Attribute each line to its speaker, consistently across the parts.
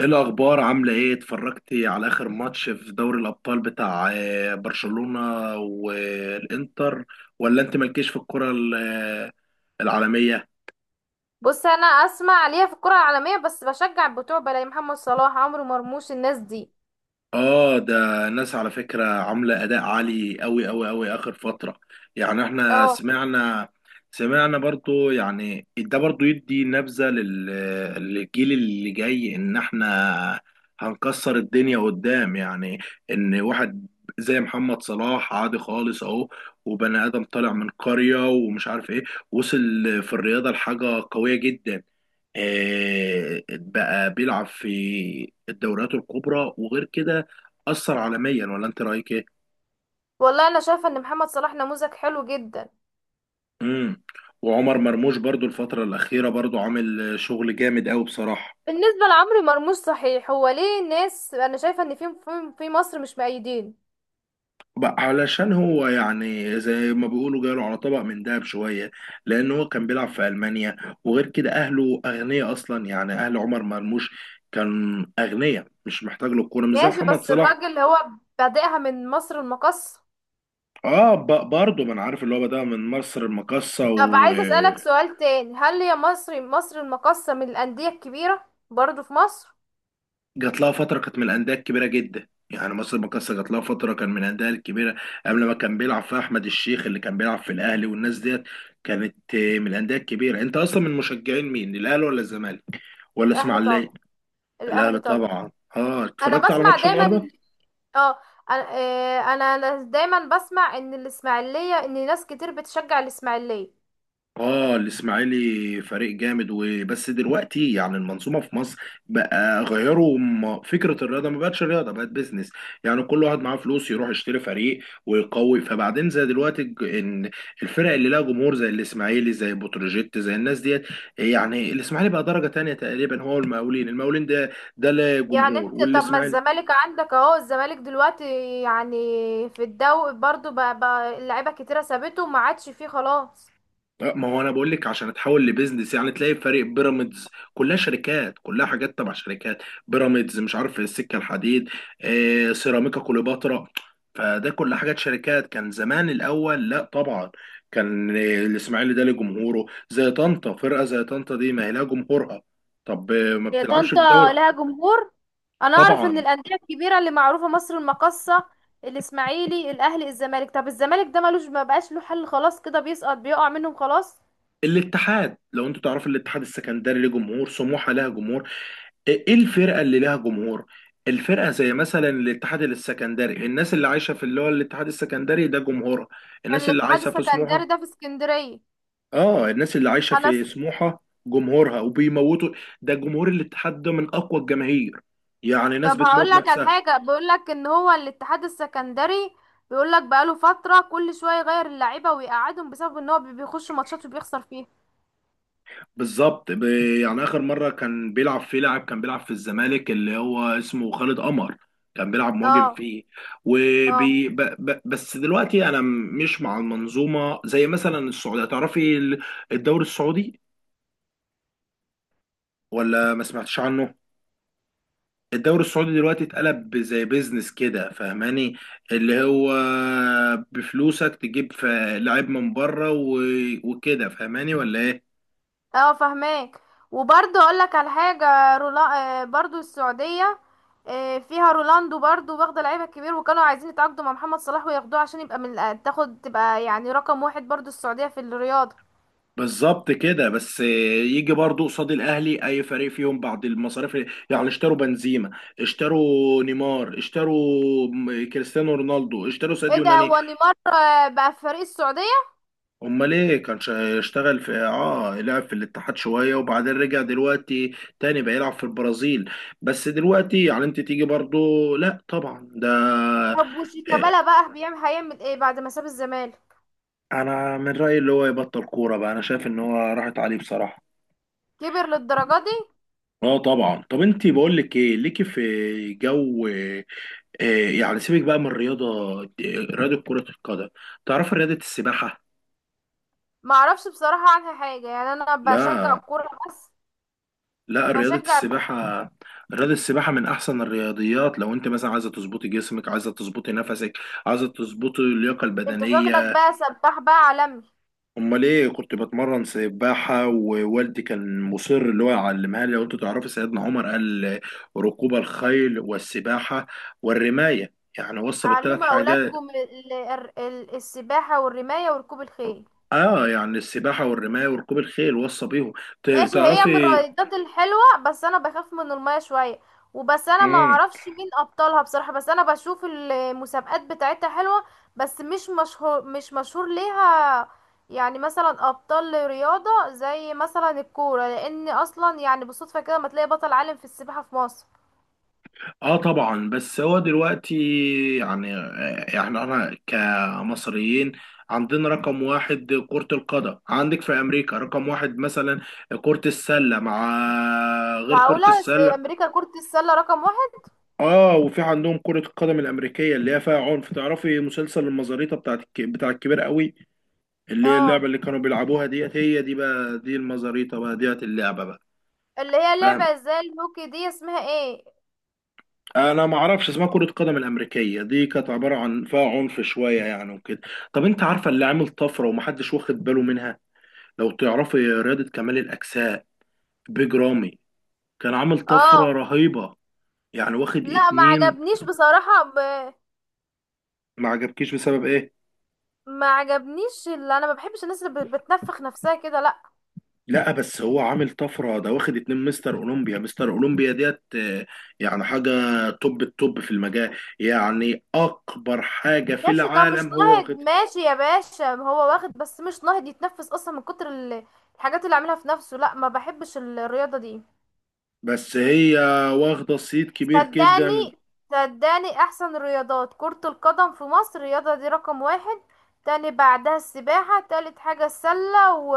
Speaker 1: ايه الاخبار، عامله ايه؟ اتفرجتي على اخر ماتش في دوري الابطال بتاع برشلونه والانتر؟ ولا انت مالكيش في الكره العالميه؟
Speaker 2: بص، انا اسمع عليها في الكرة العالمية بس بشجع بتوع بلاي محمد صلاح، عمرو مرموش، الناس دي.
Speaker 1: اه، ده ناس على فكرة عاملة أداء عالي أوي أوي أوي آخر فترة. يعني احنا
Speaker 2: اه،
Speaker 1: سمعنا برضو، يعني ده برضو يدي نبذة للجيل اللي جاي، إن احنا هنكسر الدنيا قدام، يعني إن واحد زي محمد صلاح عادي خالص أهو، وبني آدم طالع من قرية ومش عارف إيه، وصل في الرياضة لحاجة قوية جدا. بقى بيلعب في الدوريات الكبرى وغير كده، أثر عالميا. ولا أنت رأيك إيه؟
Speaker 2: والله انا شايفة ان محمد صلاح نموذج حلو جدا.
Speaker 1: امم. وعمر مرموش برضو الفترة الأخيرة برضو عامل شغل جامد أوي بصراحة.
Speaker 2: بالنسبة لعمرو مرموش، صحيح هو ليه ناس، انا شايفة ان في مصر مش مؤيدين.
Speaker 1: بقى علشان هو يعني زي ما بيقولوا جاله على طبق من دهب شوية، لأن هو كان بيلعب في ألمانيا، وغير كده أهله أغنياء أصلا. يعني أهل عمر مرموش كان أغنياء، مش محتاج له الكورة، مش زي
Speaker 2: ماشي،
Speaker 1: محمد
Speaker 2: بس
Speaker 1: صلاح.
Speaker 2: الراجل هو بادئها من مصر المقاصة.
Speaker 1: اه، برضه ما انا عارف اللي هو بدأ من مصر المقاصة.
Speaker 2: طب عايزة اسألك سؤال تاني، هل هي مصر المقاصة من الأندية الكبيرة برضو في مصر؟
Speaker 1: جات لها فترة كانت من الأندية الكبيرة جدا، يعني مصر المقاصة جات لها فترة كان من الأندية الكبيرة، قبل ما كان بيلعب فيها أحمد الشيخ اللي كان بيلعب في الأهلي والناس ديت. كانت من الأندية الكبيرة. أنت أصلا من مشجعين مين، الأهلي ولا الزمالك ولا
Speaker 2: الاهلي
Speaker 1: إسماعيلية؟
Speaker 2: طبعا.
Speaker 1: الأهلي
Speaker 2: الاهلي طبعا.
Speaker 1: طبعا. أه،
Speaker 2: انا
Speaker 1: اتفرجت على
Speaker 2: بسمع
Speaker 1: ماتش
Speaker 2: دايما
Speaker 1: النهاردة.
Speaker 2: اه انا آه، انا أنا دايما بسمع ان الاسماعيليه، ان ناس كتير بتشجع الاسماعيليه.
Speaker 1: اه، الاسماعيلي فريق جامد. وبس دلوقتي يعني المنظومه في مصر بقى غيروا فكره الرياضه، ما بقتش رياضه، بقت بيزنس. يعني كل واحد معاه فلوس يروح يشتري فريق ويقوي، فبعدين زي دلوقتي ان الفرق اللي لها جمهور زي الاسماعيلي زي بتروجيت زي الناس ديت. يعني الاسماعيلي بقى درجه تانية تقريبا، هو المقاولين. المقاولين ده لا
Speaker 2: يعني
Speaker 1: جمهور،
Speaker 2: انت، طب ما
Speaker 1: والاسماعيلي.
Speaker 2: الزمالك عندك اهو، الزمالك دلوقتي يعني في الدوري برضو بقى اللعيبه كتيره سابته وما عادش فيه خلاص.
Speaker 1: ما هو انا بقول لك، عشان تحول لبيزنس، يعني تلاقي فريق بيراميدز كلها شركات، كلها حاجات تبع شركات، بيراميدز مش عارف، السكه الحديد، سيراميكا كليوباترا، فده كل حاجات شركات. كان زمان الاول لا طبعا، كان الاسماعيلي ده ليه جمهوره، زي طنطا، فرقه زي طنطا دي ما هي لها جمهورها. طب ما
Speaker 2: هي
Speaker 1: بتلعبش في
Speaker 2: طنطا
Speaker 1: الدوري.
Speaker 2: لها جمهور. انا اعرف ان
Speaker 1: طبعا.
Speaker 2: الانديه الكبيره اللي معروفه مصر المقاصه، الاسماعيلي، الاهلي، الزمالك. طب الزمالك ده ملوش، ما بقاش له حل، خلاص كده بيسقط بيقع منهم خلاص.
Speaker 1: الاتحاد، لو انتوا تعرفوا الاتحاد السكندري ليه جمهور، سموحه لها جمهور. ايه، إيه الفرقه اللي لها جمهور؟ الفرقه زي مثلا الاتحاد السكندري، الناس اللي عايشه في اللي هو الاتحاد السكندري ده جمهورها الناس اللي
Speaker 2: الاتحاد
Speaker 1: عايشه في
Speaker 2: السكندري
Speaker 1: سموحه.
Speaker 2: ده في اسكندريه.
Speaker 1: اه، الناس اللي عايشه
Speaker 2: انا،
Speaker 1: في سموحه جمهورها، وبيموتوا. ده جمهور الاتحاد، ده من اقوى الجماهير، يعني ناس
Speaker 2: طب
Speaker 1: بتموت
Speaker 2: هقول لك على
Speaker 1: نفسها.
Speaker 2: حاجه، بيقول لك ان هو الاتحاد السكندري بيقول لك بقاله فتره كل شويه يغير اللعيبه ويقعدهم بسبب ان هو بيخش ماتشات وبيخسر فيها.
Speaker 1: بالظبط. يعني اخر مره كان بيلعب فيه لاعب كان بيلعب في الزمالك اللي هو اسمه خالد قمر، كان بيلعب مهاجم
Speaker 2: اه،
Speaker 1: فيه.
Speaker 2: اه،
Speaker 1: وبي ب ب بس دلوقتي انا مش مع المنظومه. زي مثلا السعوديه، تعرفي الدوري السعودي ولا ما سمعتش عنه؟ الدوري السعودي دلوقتي اتقلب زي بيزنس كده، فاهماني؟ اللي هو بفلوسك تجيب لعيب من بره وكده، فاهماني ولا ايه؟
Speaker 2: اه، فهماك. وبرضه اقول لك على حاجه، رولا. برضه السعوديه، فيها رونالدو برضه واخده لعيبه كبير، وكانوا عايزين يتعاقدوا مع محمد صلاح وياخدوه عشان يبقى من الأ- تاخد تبقى يعني رقم واحد، برضه السعوديه في الرياضه.
Speaker 1: بالظبط كده، بس يجي برضو قصاد الاهلي اي فريق فيهم بعد المصاريف. يعني اشتروا بنزيما، اشتروا نيمار، اشتروا كريستيانو رونالدو، اشتروا
Speaker 2: ايه
Speaker 1: ساديو
Speaker 2: ده؟
Speaker 1: ماني.
Speaker 2: هو نيمار بقى في فريق السعوديه؟
Speaker 1: امال ايه، كان اشتغل في، اه، لعب في الاتحاد شويه، وبعدين رجع دلوقتي تاني بقى يلعب في البرازيل. بس دلوقتي يعني انت تيجي برضو، لا طبعا ده.
Speaker 2: طب
Speaker 1: اه،
Speaker 2: وشيكابالا بقى هيعمل ايه بعد ما ساب الزمالك؟
Speaker 1: انا من رايي اللي هو يبطل كوره بقى، انا شايف ان هو راحت عليه بصراحه.
Speaker 2: كبر للدرجة دي؟
Speaker 1: اه طبعا. طب انت بقول لك ايه، ليكي في جو إيه، يعني سيبك بقى من الرياضة، رياضة كرة القدم، تعرف رياضة السباحة؟
Speaker 2: ما اعرفش بصراحة عنها حاجة، يعني انا بشجع
Speaker 1: لا،
Speaker 2: الكورة بس
Speaker 1: لا رياضة
Speaker 2: بشجع.
Speaker 1: السباحة. رياضة السباحة من أحسن الرياضيات، لو أنت مثلا عايزة تظبطي جسمك، عايزة تظبطي نفسك، عايزة تظبطي اللياقة
Speaker 2: انت شكلك
Speaker 1: البدنية.
Speaker 2: بقى سباح بقى عالمي.
Speaker 1: أمال إيه، كنت بتمرن سباحة، ووالدي كان مصر اللي هو يعلمها لي. لو أنتوا تعرفوا سيدنا عمر قال: ركوب الخيل والسباحة والرماية، يعني وصى بالثلاث
Speaker 2: علموا
Speaker 1: حاجات.
Speaker 2: اولادكم السباحة والرماية وركوب الخيل.
Speaker 1: اه، يعني السباحه والرمايه وركوب الخيل وصى بيهم.
Speaker 2: ماشي، هي من
Speaker 1: تعرفي.
Speaker 2: الرايدات الحلوة بس انا بخاف من المية شوية، وبس انا ما
Speaker 1: مم.
Speaker 2: اعرفش مين ابطالها بصراحة، بس انا بشوف المسابقات بتاعتها حلوة. بس مش مشهور، مش مشهور ليها. يعني مثلا ابطال رياضة زي مثلا الكورة، لان اصلا يعني بالصدفة كده ما تلاقي بطل عالم في السباحة في مصر.
Speaker 1: اه طبعا، بس هو دلوقتي يعني، يعني انا كمصريين عندنا رقم واحد كرة القدم. عندك في امريكا رقم واحد مثلا كرة السلة، مع، غير كرة
Speaker 2: معقولة؟
Speaker 1: السلة.
Speaker 2: امريكا كرة السلة رقم واحد؟
Speaker 1: اه، وفي عندهم كرة القدم الامريكية اللي هي فيها عنف. تعرفي مسلسل المزاريطة بتاعت بتاع الكبير قوي؟ اللي هي اللعبة
Speaker 2: اه،
Speaker 1: اللي كانوا بيلعبوها ديت، هي دي بقى دي المزاريطة بقى ديت اللعبة بقى.
Speaker 2: اللي هي
Speaker 1: فاهم.
Speaker 2: لعبة زي الهوكي دي اسمها ايه؟
Speaker 1: انا ما اعرفش اسمها، كرة قدم الامريكية دي كانت عبارة عن فيها عنف شوية يعني وكده. طب انت عارفة اللي عامل طفرة ومحدش واخد باله منها؟ لو تعرفي رياضة كمال الاجساء، بيج رامي كان عامل
Speaker 2: اه،
Speaker 1: طفرة رهيبة. يعني واخد
Speaker 2: لا، ما
Speaker 1: 2.
Speaker 2: عجبنيش بصراحة
Speaker 1: ما عجبكيش بسبب ايه؟
Speaker 2: ما عجبنيش، اللي انا ما بحبش الناس اللي بتنفخ نفسها كده، لا.
Speaker 1: لا، بس هو عامل طفرة، ده واخد 2 مستر اولمبيا. مستر اولمبيا ديت يعني حاجة، توب التوب في المجال، يعني اكبر حاجة في
Speaker 2: ماشي ده مش
Speaker 1: العالم هو
Speaker 2: ناهض،
Speaker 1: واخد.
Speaker 2: ماشي يا باشا، ما هو واخد بس مش ناهض يتنفس اصلا من كتر الحاجات اللي عاملها في نفسه، لا ما بحبش الرياضة دي.
Speaker 1: بس هي واخدة صيت كبير جدا.
Speaker 2: صدقني، صدقني، احسن الرياضات كرة القدم في مصر، الرياضة دي رقم واحد. تاني بعدها السباحة، تالت حاجة السلة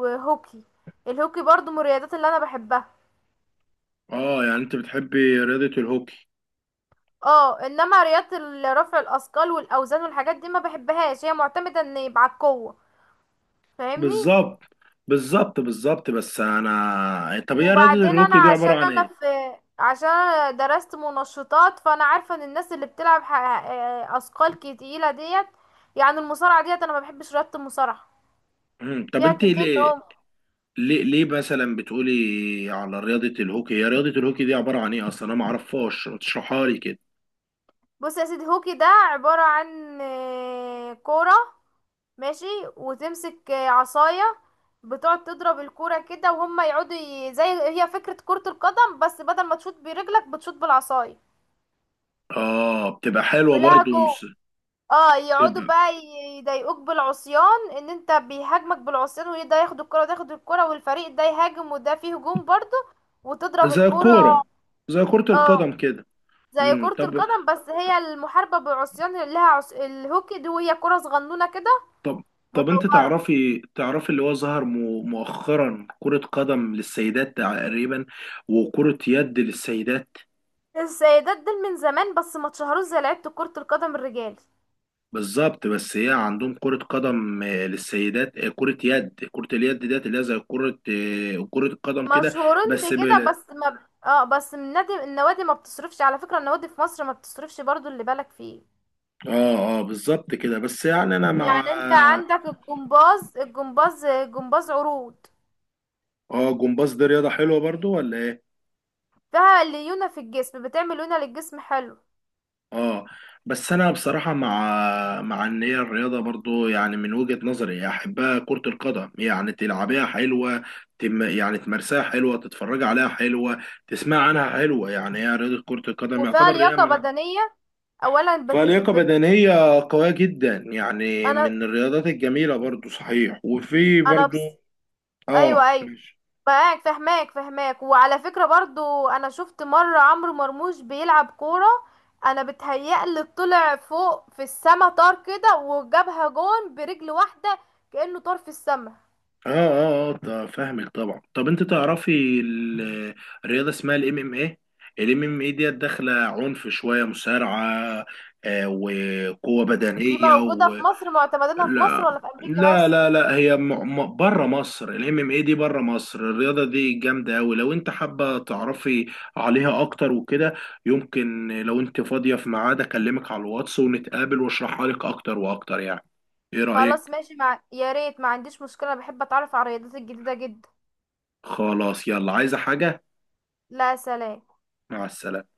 Speaker 2: وهوكي. الهوكي برضو من الرياضات اللي انا بحبها.
Speaker 1: اه، يعني انت بتحبي رياضة الهوكي.
Speaker 2: اه، انما رياضة رفع الاثقال والاوزان والحاجات دي ما بحبهاش، هي معتمدة ان يبقى على القوة. فاهمني؟
Speaker 1: بالظبط بالظبط بالظبط، بس انا، طب هي رياضة
Speaker 2: وبعدين انا
Speaker 1: الهوكي دي عبارة عن ايه؟
Speaker 2: عشان انا درست منشطات، فانا عارفة ان الناس اللي بتلعب اثقال تقيلة ديت، يعني المصارعة ديت، انا ما بحبش رياضة المصارعة.
Speaker 1: مم. طب
Speaker 2: فيها
Speaker 1: انت
Speaker 2: كمية
Speaker 1: ليه
Speaker 2: عمق.
Speaker 1: ليه ليه مثلا بتقولي على رياضة الهوكي، هي رياضة الهوكي دي عبارة عن ايه اصلا، انا معرفهاش، ما تشرحها لي كده.
Speaker 2: بص يا سيدي، هوكي ده عبارة عن كورة، ماشي، وتمسك عصاية، بتقعد تضرب الكورة كده وهما يقعدوا زي، هي فكرة كرة القدم بس بدل ما تشوط برجلك بتشوط بالعصاية.
Speaker 1: اه بتبقى حلوة برضو
Speaker 2: بلهجه.
Speaker 1: مس-
Speaker 2: اه، يقعدوا
Speaker 1: بتبقى
Speaker 2: بقى يضايقوك بالعصيان، ان انت بيهاجمك بالعصيان وده ياخد الكرة وده ياخد الكرة، والفريق ده يهاجم وده فيه هجوم برضه. وتضرب
Speaker 1: زي
Speaker 2: الكرة.
Speaker 1: الكورة، زي كرة
Speaker 2: اه،
Speaker 1: القدم كده.
Speaker 2: زي
Speaker 1: مم.
Speaker 2: كرة القدم بس هي المحاربة بالعصيان اللي لها الهوكي دي، وهي كرة صغنونة كده
Speaker 1: طب طب انت
Speaker 2: مدورة.
Speaker 1: تعرفي اللي هو ظهر مؤخرا كرة قدم للسيدات تقريبا، وكرة يد للسيدات.
Speaker 2: السيدات دول من زمان بس ما اتشهروش زي لعيبة كرة القدم الرجال.
Speaker 1: بالظبط، بس هي عندهم كرة قدم للسيدات، كرة يد. كرة اليد ديت اللي هي زي كرة كرة القدم كده.
Speaker 2: مشهورين
Speaker 1: بس
Speaker 2: بكده، بس ما اه بس من نادي، النوادي ما بتصرفش على فكرة، النوادي في مصر ما بتصرفش برضو اللي بالك فيه.
Speaker 1: بالظبط كده، بس يعني انا مع.
Speaker 2: يعني انت عندك الجمباز، جمباز عروض.
Speaker 1: اه، جمباز دي رياضة حلوة برضو ولا ايه؟
Speaker 2: فيها ليونة في الجسم، بتعمل ليونة للجسم، حلو.
Speaker 1: اه بس انا بصراحه مع ان هي الرياضه برضو يعني من وجهه نظري احبها كره القدم، يعني تلعبيها حلوه، تم يعني تمارسها حلوه، تتفرج عليها حلوه، تسمع عنها حلوه، يعني هي رياضه كره القدم
Speaker 2: وفيها
Speaker 1: يعتبر رياضه
Speaker 2: لياقة
Speaker 1: من،
Speaker 2: بدنية. اولا
Speaker 1: فلياقه بدنيه قويه جدا، يعني
Speaker 2: انا
Speaker 1: من الرياضات الجميله برضو صحيح. وفي
Speaker 2: انا
Speaker 1: برضو، اه
Speaker 2: ايوه، ايوه،
Speaker 1: ماشي.
Speaker 2: معاك، فهماك، فهماك. وعلى فكرة برضو انا شفت مرة عمرو مرموش بيلعب كورة، انا بتهيألي طلع فوق في السما، طار كده وجابها جون برجل واحدة، كأنه طار في السما.
Speaker 1: اه اه اه طب فاهمك طبعا. طب انت تعرفي الرياضه اسمها الMMA. الام ام ايه ديت داخله عنف شويه، مصارعه وقوه
Speaker 2: دي
Speaker 1: بدنيه
Speaker 2: موجودة
Speaker 1: و...
Speaker 2: في مصر؟ معتمدينها في مصر
Speaker 1: لا،
Speaker 2: ولا في امريكا
Speaker 1: لا
Speaker 2: بس؟
Speaker 1: لا لا، هي بره مصر. الMMA دي بره مصر، الرياضه دي جامده قوي. لو انت حابه تعرفي عليها اكتر وكده، يمكن لو انت فاضيه في ميعاد اكلمك على الواتس ونتقابل واشرحها لك اكتر واكتر، يعني، ايه
Speaker 2: خلاص
Speaker 1: رايك؟
Speaker 2: ماشي، مع يا ريت ما عنديش مشكلة، بحب اتعرف على الرياضات الجديدة جدا.
Speaker 1: خلاص، يلا عايزه حاجه.
Speaker 2: لا، سلام.
Speaker 1: مع السلامه.